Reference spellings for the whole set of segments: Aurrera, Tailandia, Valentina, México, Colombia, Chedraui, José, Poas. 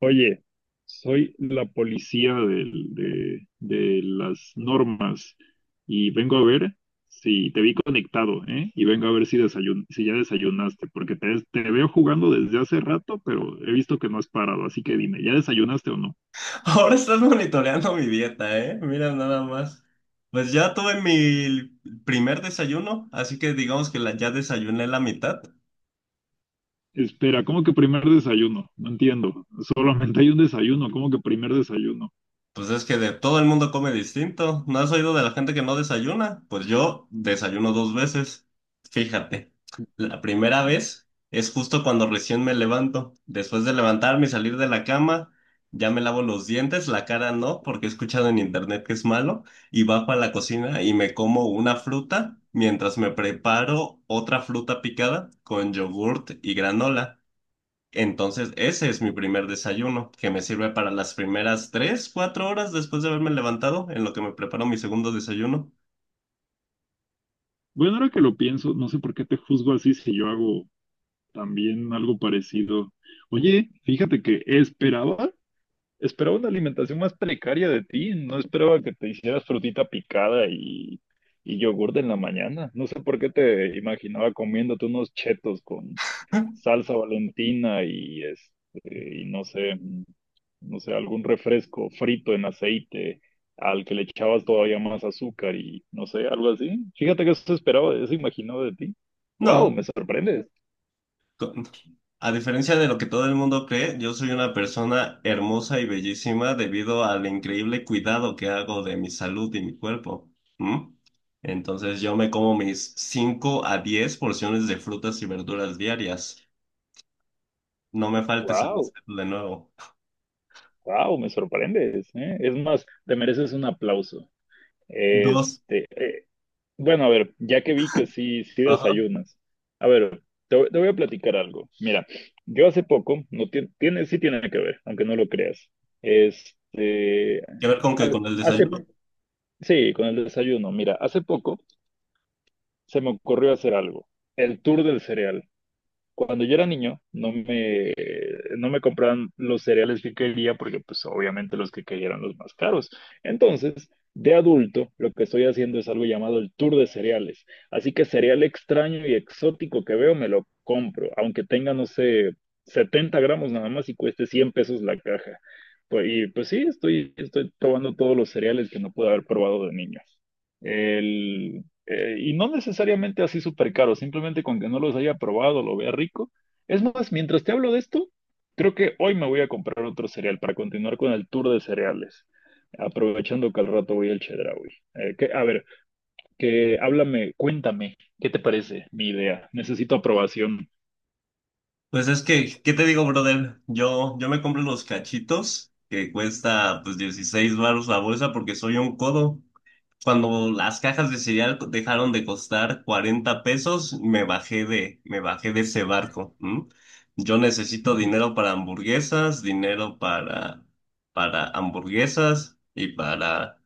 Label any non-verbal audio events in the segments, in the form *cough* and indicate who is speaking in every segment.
Speaker 1: Oye, soy la policía de las normas y vengo a ver si te vi conectado, ¿eh? Y vengo a ver si si ya desayunaste, porque te veo jugando desde hace rato, pero he visto que no has parado, así que dime, ¿ya desayunaste o no?
Speaker 2: Ahora estás monitoreando mi dieta, ¿eh? Mira nada más. Pues ya tuve mi primer desayuno, así que digamos que ya desayuné la mitad.
Speaker 1: Espera, ¿cómo que primer desayuno? No entiendo. Solamente hay un desayuno, ¿cómo que primer desayuno?
Speaker 2: Pues es que de todo el mundo come distinto. ¿No has oído de la gente que no desayuna? Pues yo desayuno dos veces. Fíjate, la primera vez es justo cuando recién me levanto. Después de levantarme y salir de la cama, ya me lavo los dientes, la cara no, porque he escuchado en internet que es malo, y bajo a la cocina y me como una fruta mientras me preparo otra fruta picada con yogurt y granola. Entonces, ese es mi primer desayuno, que me sirve para las primeras tres, cuatro horas después de haberme levantado, en lo que me preparo mi segundo desayuno.
Speaker 1: Bueno, ahora que lo pienso, no sé por qué te juzgo así si yo hago también algo parecido. Oye, fíjate que esperaba. Esperaba una alimentación más precaria de ti, no esperaba que te hicieras frutita picada y yogur en la mañana. No sé por qué te imaginaba comiéndote unos chetos con
Speaker 2: *laughs*
Speaker 1: salsa Valentina y este, y no sé, no sé, algún refresco frito en aceite al que le echabas todavía más azúcar y no sé, algo así. Fíjate que eso esperaba, eso imaginaba de ti. Wow,
Speaker 2: No,
Speaker 1: me sorprendes.
Speaker 2: con- a diferencia de lo que todo el mundo cree, yo soy una persona hermosa y bellísima debido al increíble cuidado que hago de mi salud y mi cuerpo. ¿Mm? Entonces, yo me como mis 5 a 10 porciones de frutas y verduras diarias. No me faltes el
Speaker 1: Wow,
Speaker 2: respeto de nuevo.
Speaker 1: wow, me sorprendes, ¿eh? Es más, te mereces un aplauso.
Speaker 2: Dos.
Speaker 1: Este, eh, bueno, a ver, ya que vi que sí, sí
Speaker 2: Ajá.
Speaker 1: desayunas. A ver, te voy a platicar algo. Mira, yo hace poco, no tie- tiene, sí tiene que ver, aunque no lo creas. Este,
Speaker 2: ¿Qué ver con que
Speaker 1: ha-
Speaker 2: con el
Speaker 1: hace,
Speaker 2: desayuno?
Speaker 1: sí, con el desayuno. Mira, hace poco se me ocurrió hacer algo, el tour del cereal. Cuando yo era niño, no me compraban los cereales que quería porque pues obviamente los que quería eran los más caros. Entonces, de adulto, lo que estoy haciendo es algo llamado el tour de cereales. Así que cereal extraño y exótico que veo, me lo compro, aunque tenga, no sé, 70 gramos nada más y cueste 100 pesos la caja. Pues, y pues sí, estoy probando todos los cereales que no pude haber probado de niño. El, y no necesariamente así súper caro, simplemente con que no los haya probado, lo vea rico. Es más, mientras te hablo de esto, creo que hoy me voy a comprar otro cereal para continuar con el tour de cereales, aprovechando que al rato voy al Chedraui. Que, a ver, que háblame, cuéntame, ¿qué te parece mi idea? Necesito aprobación.
Speaker 2: Pues es que, ¿qué te digo, brother? Yo me compro los cachitos que cuesta pues 16 varos la bolsa porque soy un codo. Cuando las cajas de cereal dejaron de costar 40 pesos, me bajé de ese barco. ¿M? Yo necesito
Speaker 1: Ujú.
Speaker 2: dinero para hamburguesas, para hamburguesas y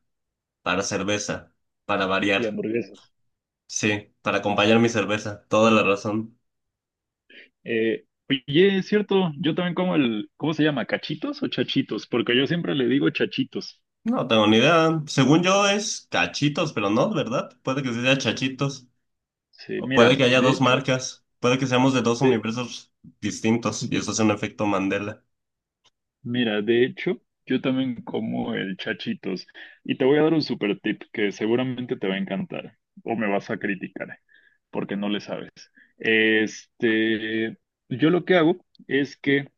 Speaker 2: para cerveza, para
Speaker 1: Y
Speaker 2: variar.
Speaker 1: hamburguesas.
Speaker 2: Sí, para acompañar mi cerveza. Toda la razón.
Speaker 1: Oye, es cierto, yo también como el, ¿cómo se llama? ¿Cachitos o chachitos? Porque yo siempre le digo chachitos.
Speaker 2: No tengo ni idea. Según yo es Cachitos, pero no, ¿verdad? Puede que sí sea Chachitos.
Speaker 1: Sí,
Speaker 2: O puede
Speaker 1: mira,
Speaker 2: que haya
Speaker 1: de
Speaker 2: dos
Speaker 1: hecho,
Speaker 2: marcas. Puede que seamos de dos
Speaker 1: de...
Speaker 2: universos distintos y eso es un efecto Mandela.
Speaker 1: Mira, de hecho, yo también como el chachitos y te voy a dar un super tip que seguramente te va a encantar o me vas a criticar porque no le sabes. Este, yo lo que hago es que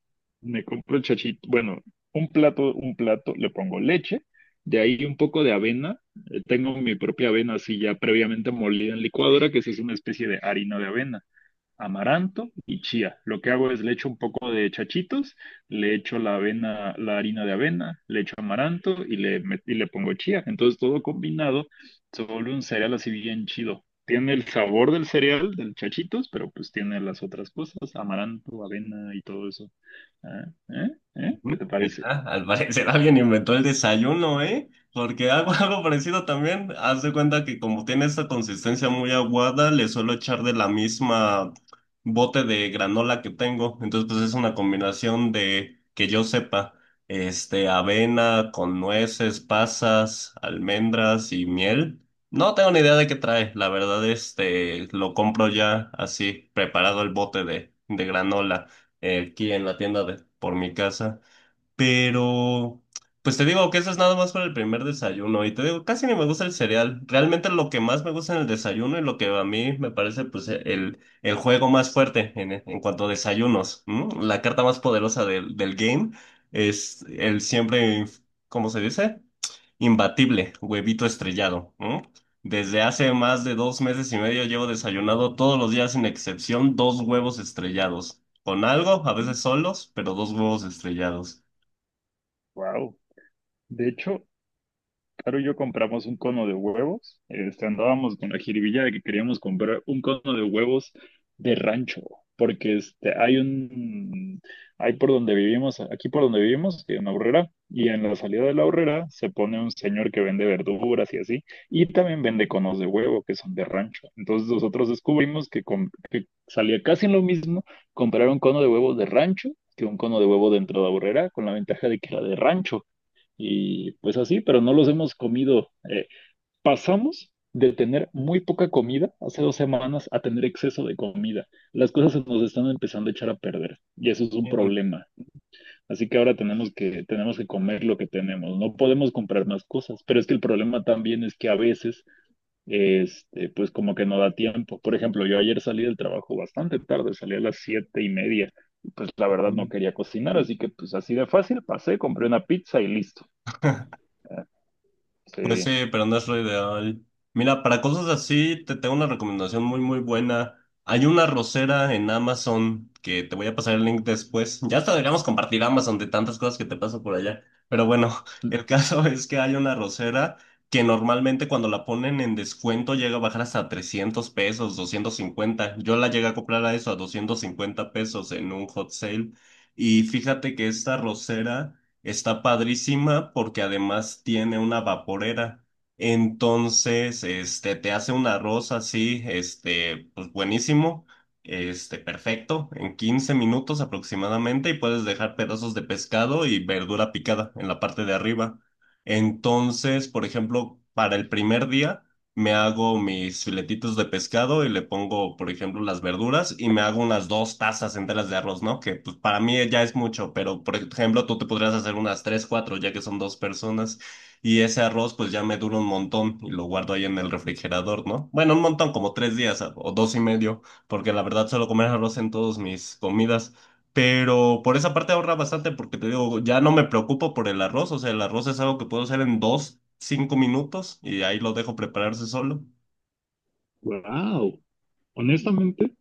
Speaker 1: me compro el chachito, bueno, un plato, le pongo leche, de ahí un poco de avena, tengo mi propia avena así ya previamente molida en licuadora, que sí es una especie de harina de avena, amaranto y chía. Lo que hago es le echo un poco de chachitos, le echo la avena, la harina de avena, le echo amaranto y le pongo chía. Entonces todo combinado se vuelve un cereal así bien chido. Tiene el sabor del cereal, del chachitos, pero pues tiene las otras cosas, amaranto, avena y todo eso. ¿Eh? ¿Eh? ¿Eh? ¿Qué
Speaker 2: Ujú.
Speaker 1: te parece?
Speaker 2: Mira, al parecer alguien inventó el desayuno, ¿eh? Porque hago *laughs* algo parecido también. Haz de cuenta que como tiene esa consistencia muy aguada, le suelo echar de la misma bote de granola que tengo. Entonces, pues es una combinación de, que yo sepa, este, avena con nueces, pasas, almendras y miel. No tengo ni idea de qué trae. La verdad, este, lo compro ya así, preparado el bote de granola, aquí en la tienda por mi casa. Pero, pues te digo que eso es nada más para el primer desayuno. Y te digo, casi ni me gusta el cereal. Realmente lo que más me gusta en el desayuno y lo que a mí me parece, pues, el juego más fuerte en cuanto a desayunos, ¿m? La carta más poderosa del game es el siempre, ¿cómo se dice? Imbatible, huevito estrellado, ¿m? Desde hace más de dos meses y medio llevo desayunado todos los días sin excepción dos huevos estrellados. Con algo, a veces solos, pero dos huevos estrellados.
Speaker 1: Wow. De hecho, Caro y yo compramos un cono de huevos. Este, andábamos con la jiribilla de que queríamos comprar un cono de huevos de rancho, porque este, hay por donde vivimos, aquí por donde vivimos, que en la Aurrera, y en la salida de la Aurrera se pone un señor que vende verduras y así, y también vende conos de huevo que son de rancho. Entonces nosotros descubrimos que, que salía casi lo mismo comprar un cono de huevos de rancho que un cono de huevo dentro de la Aurrera, con la ventaja de que era de rancho y pues así, pero no los hemos comido. Pasamos de tener muy poca comida hace 2 semanas a tener exceso de comida. Las cosas se nos están empezando a echar a perder y eso es un problema. Así que ahora tenemos que comer lo que tenemos. No podemos comprar más cosas, pero es que el problema también es que a veces, este, pues como que no da tiempo. Por ejemplo, yo ayer salí del trabajo bastante tarde, salí a las 7:30. Pues la verdad no
Speaker 2: Mm.
Speaker 1: quería cocinar, así que pues así de fácil pasé, compré una pizza y listo. Ah,
Speaker 2: Pues sí,
Speaker 1: sí.
Speaker 2: pero no es lo ideal. Mira, para cosas así, te tengo una recomendación muy, muy buena. Hay una rosera en Amazon que te voy a pasar el link después. Ya hasta deberíamos compartir Amazon de tantas cosas que te paso por allá. Pero bueno, el caso *laughs* es que hay una rosera que normalmente cuando la ponen en descuento llega a bajar hasta 300 pesos, 250. Yo la llegué a comprar a eso, a 250 pesos en un hot sale. Y fíjate que esta rosera está padrísima porque además tiene una vaporera. Entonces, este, te hace un arroz así, este, pues buenísimo, este, perfecto, en 15 minutos aproximadamente, y puedes dejar pedazos de pescado y verdura picada en la parte de arriba. Entonces, por ejemplo, para el primer día me hago mis filetitos de pescado y le pongo, por ejemplo, las verduras y me hago unas dos tazas enteras de arroz, ¿no? Que pues para mí ya es mucho, pero por ejemplo, tú te podrías hacer unas tres, cuatro, ya que son dos personas, y ese arroz pues ya me dura un montón, y lo guardo ahí en el refrigerador, ¿no? Bueno, un montón, como tres días o dos y medio, porque la verdad suelo comer arroz en todas mis comidas. Pero por esa parte ahorra bastante porque te digo, ya no me preocupo por el arroz, o sea, el arroz es algo que puedo hacer en dos, cinco minutos y ahí lo dejo prepararse solo.
Speaker 1: Wow. Honestamente,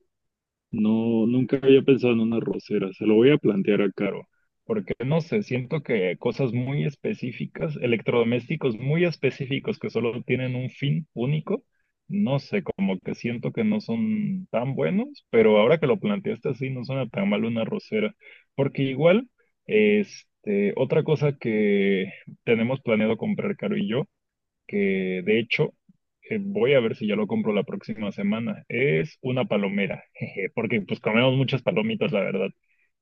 Speaker 1: no, nunca había pensado en una rosera. Se lo voy a plantear a Caro, porque no sé, siento que cosas muy específicas, electrodomésticos muy específicos que solo tienen un fin único, no sé, como que siento que no son tan buenos, pero ahora que lo planteaste así, no suena tan mal una rosera, porque igual, este, otra cosa que tenemos planeado comprar Caro y yo, que de hecho, voy a ver si ya lo compro la próxima semana. Es una palomera, *laughs* jeje, porque pues comemos muchas palomitas, la verdad.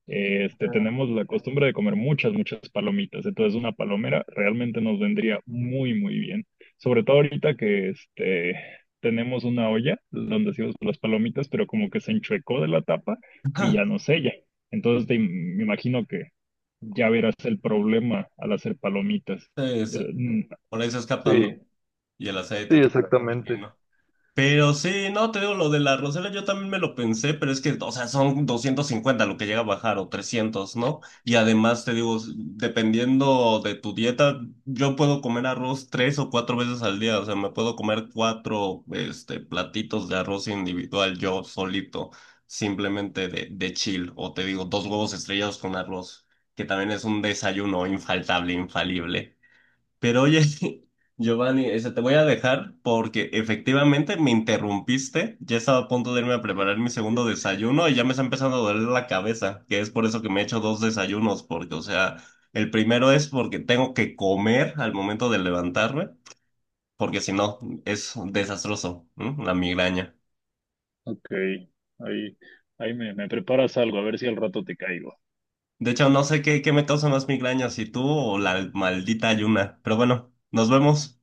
Speaker 1: Este, tenemos la costumbre de comer muchas, muchas palomitas, entonces una palomera realmente nos vendría muy, muy bien. Sobre todo ahorita que este, tenemos una olla donde hacemos las palomitas, pero como que se enchuecó de la tapa y ya no sella. Entonces me imagino que ya verás el problema al hacer palomitas. Eh,
Speaker 2: Entonces,
Speaker 1: mm,
Speaker 2: por ahí se escapan, ¿no?
Speaker 1: Sí.
Speaker 2: Y el
Speaker 1: Sí,
Speaker 2: aceite,
Speaker 1: exactamente.
Speaker 2: imagino. Pero sí, no, te digo, lo de la Rosera yo también me lo pensé, pero es que, o sea, son 250 lo que llega a bajar o 300, ¿no? Y además, te digo, dependiendo de tu dieta, yo puedo comer arroz tres o cuatro veces al día, o sea, me puedo comer cuatro, este, platitos de arroz individual yo solito, simplemente de chill, o te digo, dos huevos estrellados con arroz, que también es un desayuno infalible. Pero oye, *laughs* Giovanni, este, te voy a dejar porque efectivamente me interrumpiste. Ya estaba a punto de irme a preparar mi segundo desayuno y ya me está empezando a doler la cabeza, que es por eso que me he hecho dos desayunos, porque, o sea, el primero es porque tengo que comer al momento de levantarme, porque si no, es desastroso, ¿m? La migraña.
Speaker 1: Ok, ahí, me preparas algo, a ver si al rato te caigo.
Speaker 2: De hecho, no sé qué, qué me causa más migraña, si tú o la maldita ayuna. Pero bueno, nos vemos.